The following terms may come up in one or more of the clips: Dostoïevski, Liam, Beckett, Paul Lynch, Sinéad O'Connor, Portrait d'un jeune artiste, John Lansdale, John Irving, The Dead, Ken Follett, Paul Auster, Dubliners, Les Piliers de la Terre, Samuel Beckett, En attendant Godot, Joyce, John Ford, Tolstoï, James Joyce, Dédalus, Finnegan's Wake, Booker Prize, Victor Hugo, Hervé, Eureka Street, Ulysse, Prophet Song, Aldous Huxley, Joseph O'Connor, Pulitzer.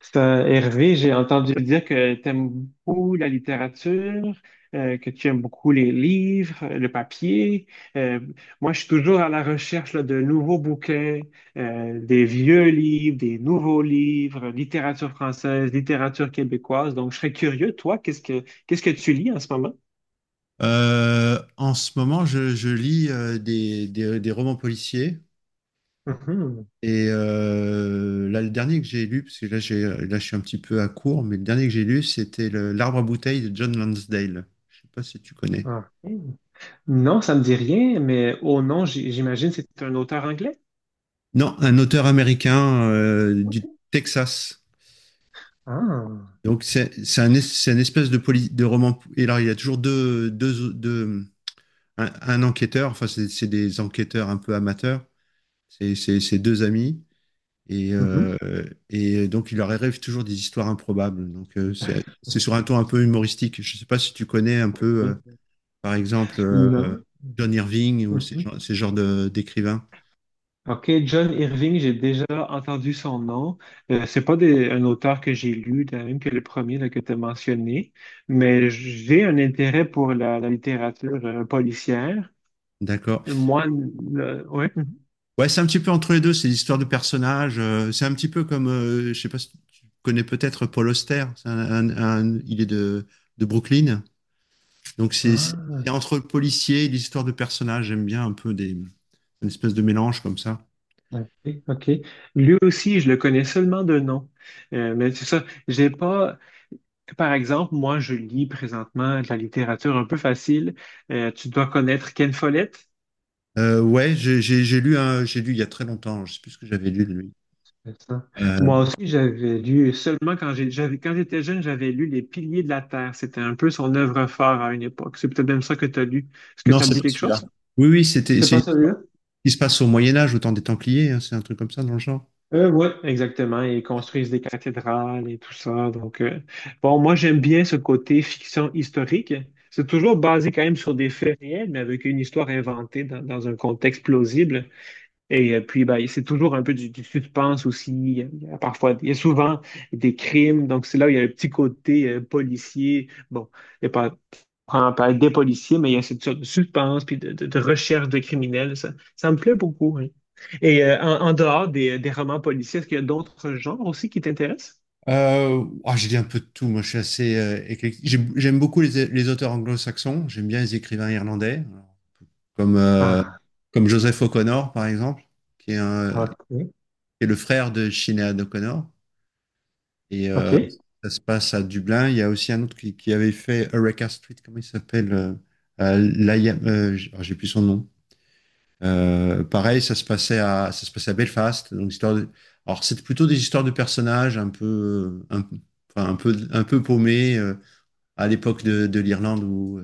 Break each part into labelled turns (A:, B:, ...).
A: C'est un- Hervé, j'ai entendu dire que tu aimes beaucoup la littérature, que tu aimes beaucoup les livres, le papier. Euh, Moi, je suis toujours à la recherche là, de nouveaux bouquins, des vieux livres, des nouveaux livres, littérature française, littérature québécoise. Donc, je serais curieux, toi, qu'est-ce que tu lis en ce moment?
B: En ce moment, je lis des romans policiers.
A: Mhm.
B: Et là, le dernier que j'ai lu, parce que là, je suis un petit peu à court, mais le dernier que j'ai lu, c'était L'Arbre à bouteilles de John Lansdale. Je sais pas si tu connais.
A: Ah. Non, ça me dit rien, mais oh non, j'imagine que c'est un auteur anglais.
B: Non, un auteur américain du Texas.
A: Ah.
B: Donc, c'est c'est une espèce de, de roman. Et là, il y a toujours un enquêteur, enfin, c'est des enquêteurs un peu amateurs. C'est deux amis. Et,
A: Mhm.
B: euh, et donc, il leur arrive toujours des histoires improbables. Donc, c'est sur un ton un peu humoristique. Je ne sais pas si tu connais un peu, par exemple,
A: Non.
B: John Irving ou
A: Mhm.
B: ces genres d'écrivains.
A: Ok, John Irving, j'ai déjà entendu son nom. C'est pas un auteur que j'ai lu, de même que le premier là, que tu as mentionné, mais j'ai un intérêt pour la littérature policière.
B: D'accord.
A: Moi, ouais.
B: Ouais, c'est un petit peu entre les deux. C'est l'histoire de personnages. C'est un petit peu comme, je sais pas si tu connais peut-être Paul Auster. C'est un- il est de Brooklyn. Donc, c'est
A: Ah,
B: c'est entre le policier et l'histoire de personnages. J'aime bien un peu des, une espèce de mélange comme ça.
A: ok, ok. Lui aussi, je le connais seulement de nom. Mais c'est ça, j'ai pas. Par exemple, moi, je lis présentement de la littérature un peu facile. Tu dois connaître Ken Follett.
B: Ouais, j'ai lu j'ai lu il y a très longtemps, je sais plus ce que j'avais lu de lui.
A: C'est ça.
B: Euh,
A: Moi aussi, j'avais lu, seulement quand quand j'étais jeune, j'avais lu Les Piliers de la Terre. C'était un peu son œuvre phare à une époque. C'est peut-être même ça que tu as lu. Est-ce que
B: non,
A: ça te
B: c'est
A: dit
B: pas
A: quelque
B: celui-là.
A: chose?
B: Oui,
A: C'est
B: c'est
A: pas
B: une histoire
A: celui-là?
B: qui se passe au Moyen Âge, au temps des Templiers, hein, c'est un truc comme ça dans le genre.
A: Oui, exactement. Ils construisent des cathédrales et tout ça. Donc, bon, moi, j'aime bien ce côté fiction historique. C'est toujours basé quand même sur des faits réels, mais avec une histoire inventée dans un contexte plausible. Et puis, ben, c'est toujours un peu du suspense aussi. Il y a parfois, il y a souvent des crimes. Donc, c'est là où il y a le petit côté policier. Bon, il y a pas, on parle des policiers, mais il y a cette sorte de suspense puis de recherche de criminels. Ça me plaît beaucoup, hein. Et en dehors des romans policiers, est-ce qu'il y a d'autres genres aussi qui t'intéressent?
B: J'ai lu un peu de tout. Moi, je suis assez éclectique. J'aime beaucoup les auteurs anglo-saxons. J'aime bien les écrivains irlandais, comme euh,
A: Ah,
B: comme Joseph O'Connor, par exemple, qui
A: ok,
B: est le frère de Sinéad O'Connor. Et
A: ok.
B: ça se passe à Dublin. Il y a aussi un autre qui avait fait Eureka Street, comment il s'appelle? Alors, j'ai plus son nom. Pareil, ça se passait à Belfast. Donc, alors, c'était plutôt des histoires de personnages un peu, enfin, un peu paumés à l'époque de l'Irlande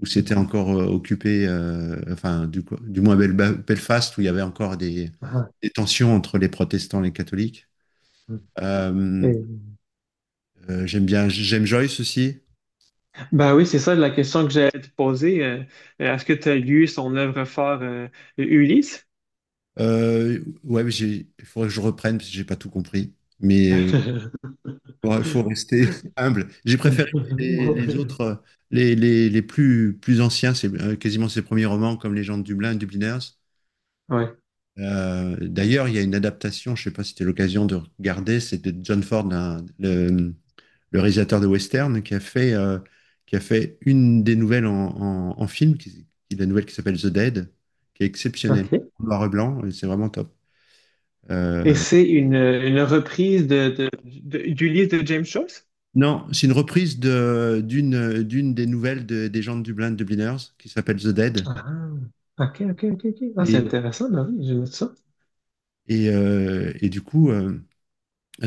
B: où
A: Mm.
B: c'était encore occupé, enfin, du moins Belfast, où il y avait encore
A: Ah,
B: des tensions entre les protestants et les catholiques.
A: mm.
B: Euh,
A: Et-
B: J'aime bien, j'aime Joyce aussi.
A: Ben oui, c'est ça la question que j'allais te poser. Est-ce que tu as lu son œuvre phare, Ulysse?
B: Ouais, il faudrait que je reprenne parce que j'ai pas tout compris. Mais il faut rester humble. J'ai préféré les autres, les plus, plus anciens, c'est quasiment ses premiers romans comme Les gens de Dublin, Dubliners.
A: Ouais,
B: D'ailleurs, il y a une adaptation, je sais pas si c'était l'occasion de regarder, c'est de John Ford, le réalisateur de western, qui a fait une des nouvelles en film, qui est la nouvelle qui s'appelle The Dead, qui est exceptionnelle.
A: ok.
B: En Noir et blanc, et c'est vraiment top.
A: Et
B: Euh,
A: c'est une reprise d'Ulysse de James Joyce?
B: Non, c'est une reprise de, d'une des nouvelles des gens de Dublin, de Dubliners, qui s'appelle The Dead.
A: Ah, ok, ok, ok, ok. Ah, c'est
B: Et,
A: intéressant, ben oui, je note ça.
B: et du coup,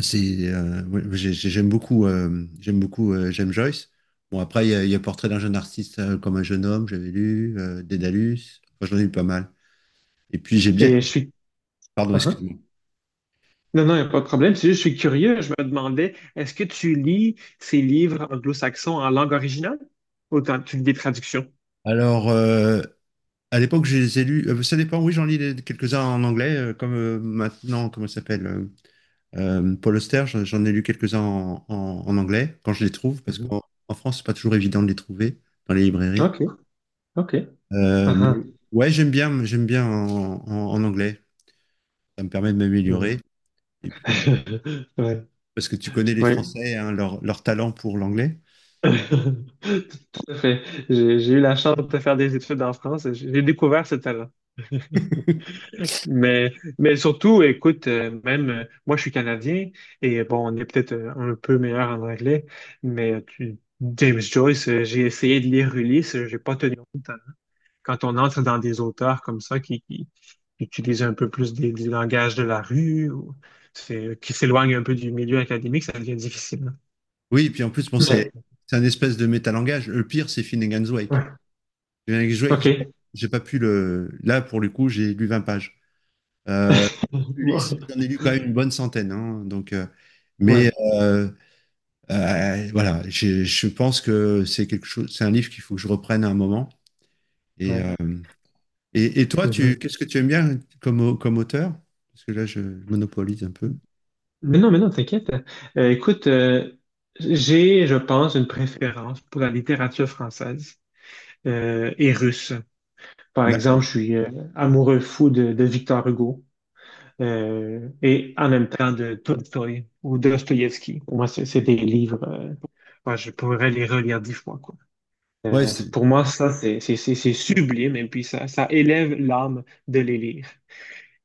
B: c'est, Ouais, j'aime beaucoup, j'aime Joyce. Bon, après, il y a Portrait d'un jeune artiste comme un jeune homme, j'avais lu, Dédalus, enfin, j'en ai lu pas mal. Et puis, j'ai bien.
A: Et je suis...
B: Pardon,
A: Ah, ah.
B: excuse-moi.
A: Non, non, il n'y a pas de problème. C'est juste, je suis curieux. Je me demandais, est-ce que tu lis ces livres anglo-saxons en langue originale? Ou tu lis des traductions?
B: Alors, à l'époque, je les ai lus. Ça dépend, oui, j'en lis quelques-uns en anglais, comme maintenant, comment ça s'appelle? Paul Auster, j'en ai lu quelques-uns en anglais, quand je les trouve, parce
A: Mhm.
B: qu'en en France, c'est pas toujours évident de les trouver dans les librairies.
A: OK, OK. Ah,
B: Mais
A: ah,
B: ouais, j'aime bien en anglais. Ça me permet de
A: hmm.
B: m'améliorer. Et puis,
A: Ouais,
B: parce que tu connais les
A: oui,
B: Français, hein, leur talent pour l'anglais.
A: tout à fait. J'ai eu la chance de faire des études en France, et j'ai découvert ce talent. Mais, mais surtout, écoute, même moi, je suis Canadien et bon, on est peut-être un peu meilleur en anglais, mais tu- James Joyce, j'ai essayé de lire Ulysse, j'ai pas tenu. Quand on entre dans des auteurs comme ça qui utilisent un peu plus du langage de la rue ou qui s'éloignent un peu du milieu académique, ça devient difficile, hein.
B: Oui, et puis en plus, bon, c'est
A: Mais,
B: c'est un espèce de métalangage. Le pire, c'est Finnegan's Wake.
A: ouais.
B: Finnegan's Wake,
A: OK.
B: j'ai pas pu le. Là, pour le coup, j'ai lu 20 pages. Euh, Ulysse, j'en ai lu quand même une bonne centaine. Hein, donc, mais
A: Ouais,
B: euh, voilà, je pense que c'est quelque chose, c'est un livre qu'il faut que je reprenne à un moment. Et, euh,
A: ouais.
B: et toi,
A: Mhm.
B: qu'est-ce que tu aimes bien comme, comme auteur? Parce que là, je monopolise un peu.
A: Mais non, t'inquiète. Écoute, j'ai, je pense, une préférence pour la littérature française et russe. Par exemple, je
B: D'accord.
A: suis amoureux fou de Victor Hugo et en même temps de Tolstoï ou Dostoïevski. Pour moi, c'est des livres, ouais, je pourrais les relire dix fois, quoi.
B: Ouais, c'est...
A: Pour moi, ça, c'est sublime et puis ça élève l'âme de les lire.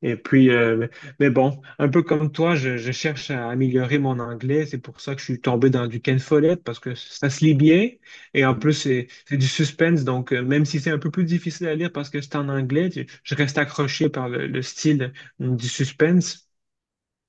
A: Et puis, mais bon, un peu comme toi, je cherche à améliorer mon anglais. C'est pour ça que je suis tombé dans du Ken Follett parce que ça se lit bien. Et en plus, c'est du suspense. Donc, même si c'est un peu plus difficile à lire parce que c'est en anglais, je reste accroché par le style du suspense.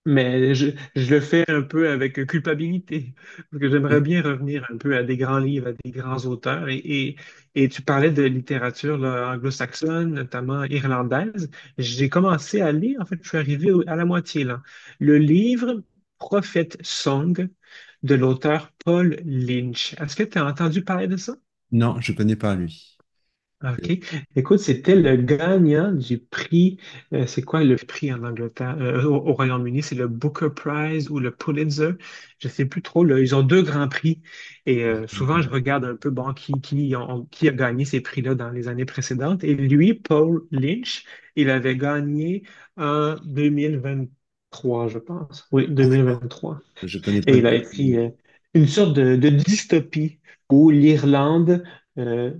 A: Mais je le fais un peu avec culpabilité, parce que j'aimerais bien revenir un peu à des grands livres, à des grands auteurs. Et tu parlais de littérature là, anglo-saxonne, notamment irlandaise. J'ai commencé à lire, en fait, je suis arrivé à la moitié là. Le livre Prophet Song de l'auteur Paul Lynch. Est-ce que tu as entendu parler de ça?
B: Non, je connais pas lui. Je
A: OK. Écoute, c'était le gagnant du prix. C'est quoi le prix en Angleterre? Au Royaume-Uni, c'est le Booker Prize ou le Pulitzer. Je ne sais plus trop là. Ils ont deux grands prix. Et souvent, je regarde un peu bon, qui a gagné ces prix-là dans les années précédentes. Et lui, Paul Lynch, il avait gagné en 2023, je pense. Oui, 2023.
B: je connais pas.
A: Et il a écrit
B: Lui.
A: une sorte de dystopie où l'Irlande. euh,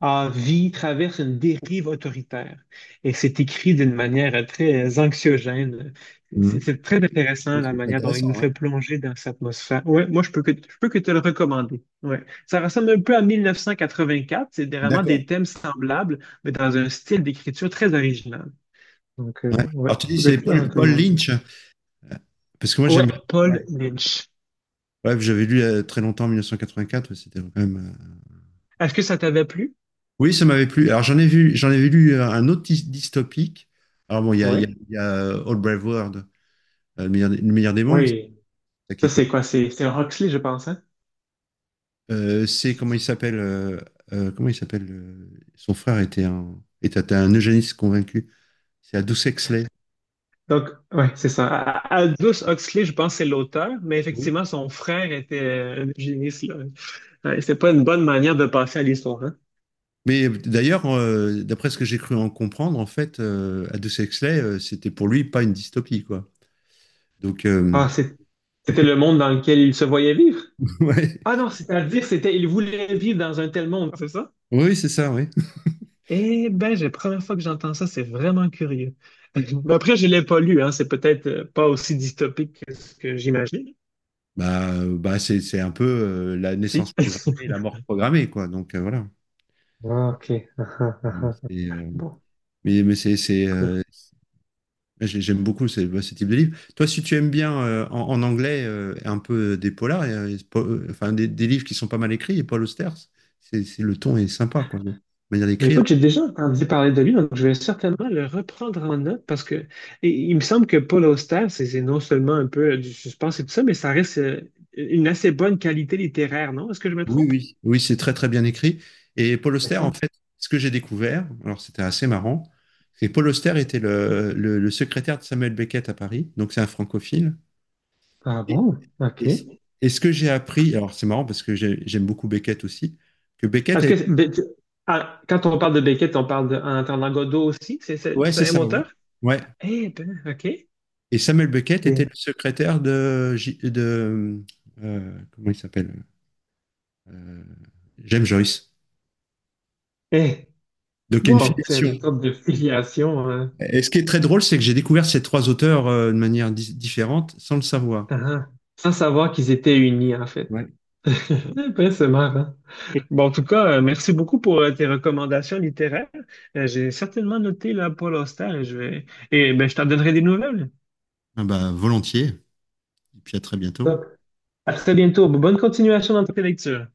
A: vie traverse une dérive autoritaire. Et c'est écrit d'une manière très anxiogène. C'est
B: Mhm.
A: c'est très intéressant la
B: C'est
A: manière dont il nous
B: intéressant, hein.
A: fait plonger dans cette atmosphère. Ouais, moi, je peux que te le recommander. Ouais. Ça ressemble un peu à 1984. C'est vraiment
B: D'accord.
A: des thèmes semblables, mais dans un style d'écriture très original. Donc,
B: Ouais.
A: ouais,
B: Alors tu dis
A: je
B: c'est
A: peux que te le
B: Paul, Paul
A: recommander.
B: Lynch, parce que moi
A: Ouais,
B: j'aime. Bien.
A: Paul
B: Ouais.
A: Lynch.
B: Ouais, j'avais lu très longtemps en 1984, c'était quand même.
A: Est-ce que ça t'avait plu?
B: Oui, ça m'avait plu. Alors j'en ai vu, j'en avais lu un autre dystopique. Alors bon,
A: Oui.
B: il y a, All Brave World, le meilleur des mondes, c'est
A: Oui.
B: ça qui
A: Ça,
B: est
A: c'est
B: connu.
A: quoi? C'est Huxley, je pense.
B: C'est comment il s'appelle son frère était un eugéniste convaincu. C'est Aldous Huxley.
A: Donc, ouais, c'est ça. A- Aldous Huxley, je pense, c'est l'auteur, mais
B: Oui.
A: effectivement, son frère était un géniste, là. Ouais, c'est pas une bonne manière de passer à l'histoire, hein?
B: Mais d'ailleurs, d'après ce que j'ai cru en comprendre, en fait, Aldous Huxley, c'était pour lui pas une dystopie, quoi. Donc
A: Ah, c'est- c'était le monde dans lequel il se voyait vivre?
B: ouais,
A: Ah non, c'est-à-dire, c'était, il voulait vivre dans un tel monde, c'est ça?
B: oui, c'est ça, oui.
A: Eh ben, c'est la première fois que j'entends ça, c'est vraiment curieux. Mais après, je l'ai pas lu, hein, c'est peut-être pas aussi dystopique que ce que j'imagine.
B: Bah, bah c'est un peu la naissance
A: Si.
B: programmée et la mort programmée, quoi. Donc voilà.
A: Ah, ok.
B: Euh, C'est,
A: Bon.
B: mais c'est, j'ai- J'aime beaucoup ce, ce type de livre. Toi, si tu aimes bien en anglais un peu des polars, enfin des livres qui sont pas mal écrits, et Paul Auster, le ton est sympa, quoi, de manière
A: Ben,
B: d'écrire.
A: écoute, j'ai déjà entendu parler de lui, donc je vais certainement le reprendre en note parce que et il me semble que Paul Auster, c'est non seulement un peu du suspense et tout ça, mais ça reste une assez bonne qualité littéraire, non? Est-ce que je me
B: Oui,
A: trompe?
B: oui. Oui, c'est très très bien écrit. Et Paul
A: C'est
B: Auster, en
A: ça.
B: fait, ce que j'ai découvert, alors c'était assez marrant, c'est que Paul Auster était le secrétaire de Samuel Beckett à Paris, donc c'est un francophile.
A: Ah bon? OK.
B: Et, ce
A: Est-ce
B: et ce que j'ai appris, alors c'est marrant parce que j'aime beaucoup Beckett aussi, que Beckett a
A: que
B: été...
A: ben, tu- ah, quand on parle de Beckett, on parle de En attendant Godot aussi?
B: Ouais, c'est
A: C'est un
B: ça, oui.
A: auteur?
B: Ouais.
A: Eh ben, OK.
B: Et Samuel Beckett était
A: Eh,
B: le secrétaire de... De comment il s'appelle? Euh, James Joyce.
A: eh.
B: Donc il y a une
A: Wow, c'est
B: filiation.
A: une sorte de filiation, hein.
B: Et ce qui est très drôle, c'est que j'ai découvert ces trois auteurs de manière différente sans le savoir.
A: Ah, ah. Sans savoir qu'ils étaient unis, en fait.
B: Ouais.
A: Ben, c'est marrant. Bon, en tout cas, merci beaucoup pour tes recommandations littéraires. J'ai certainement noté la Paul Auster et je vais et ben, je t'en donnerai des nouvelles.
B: Ah bah, volontiers. Et puis à très bientôt
A: Top. À très bientôt. Bonne continuation dans tes lectures.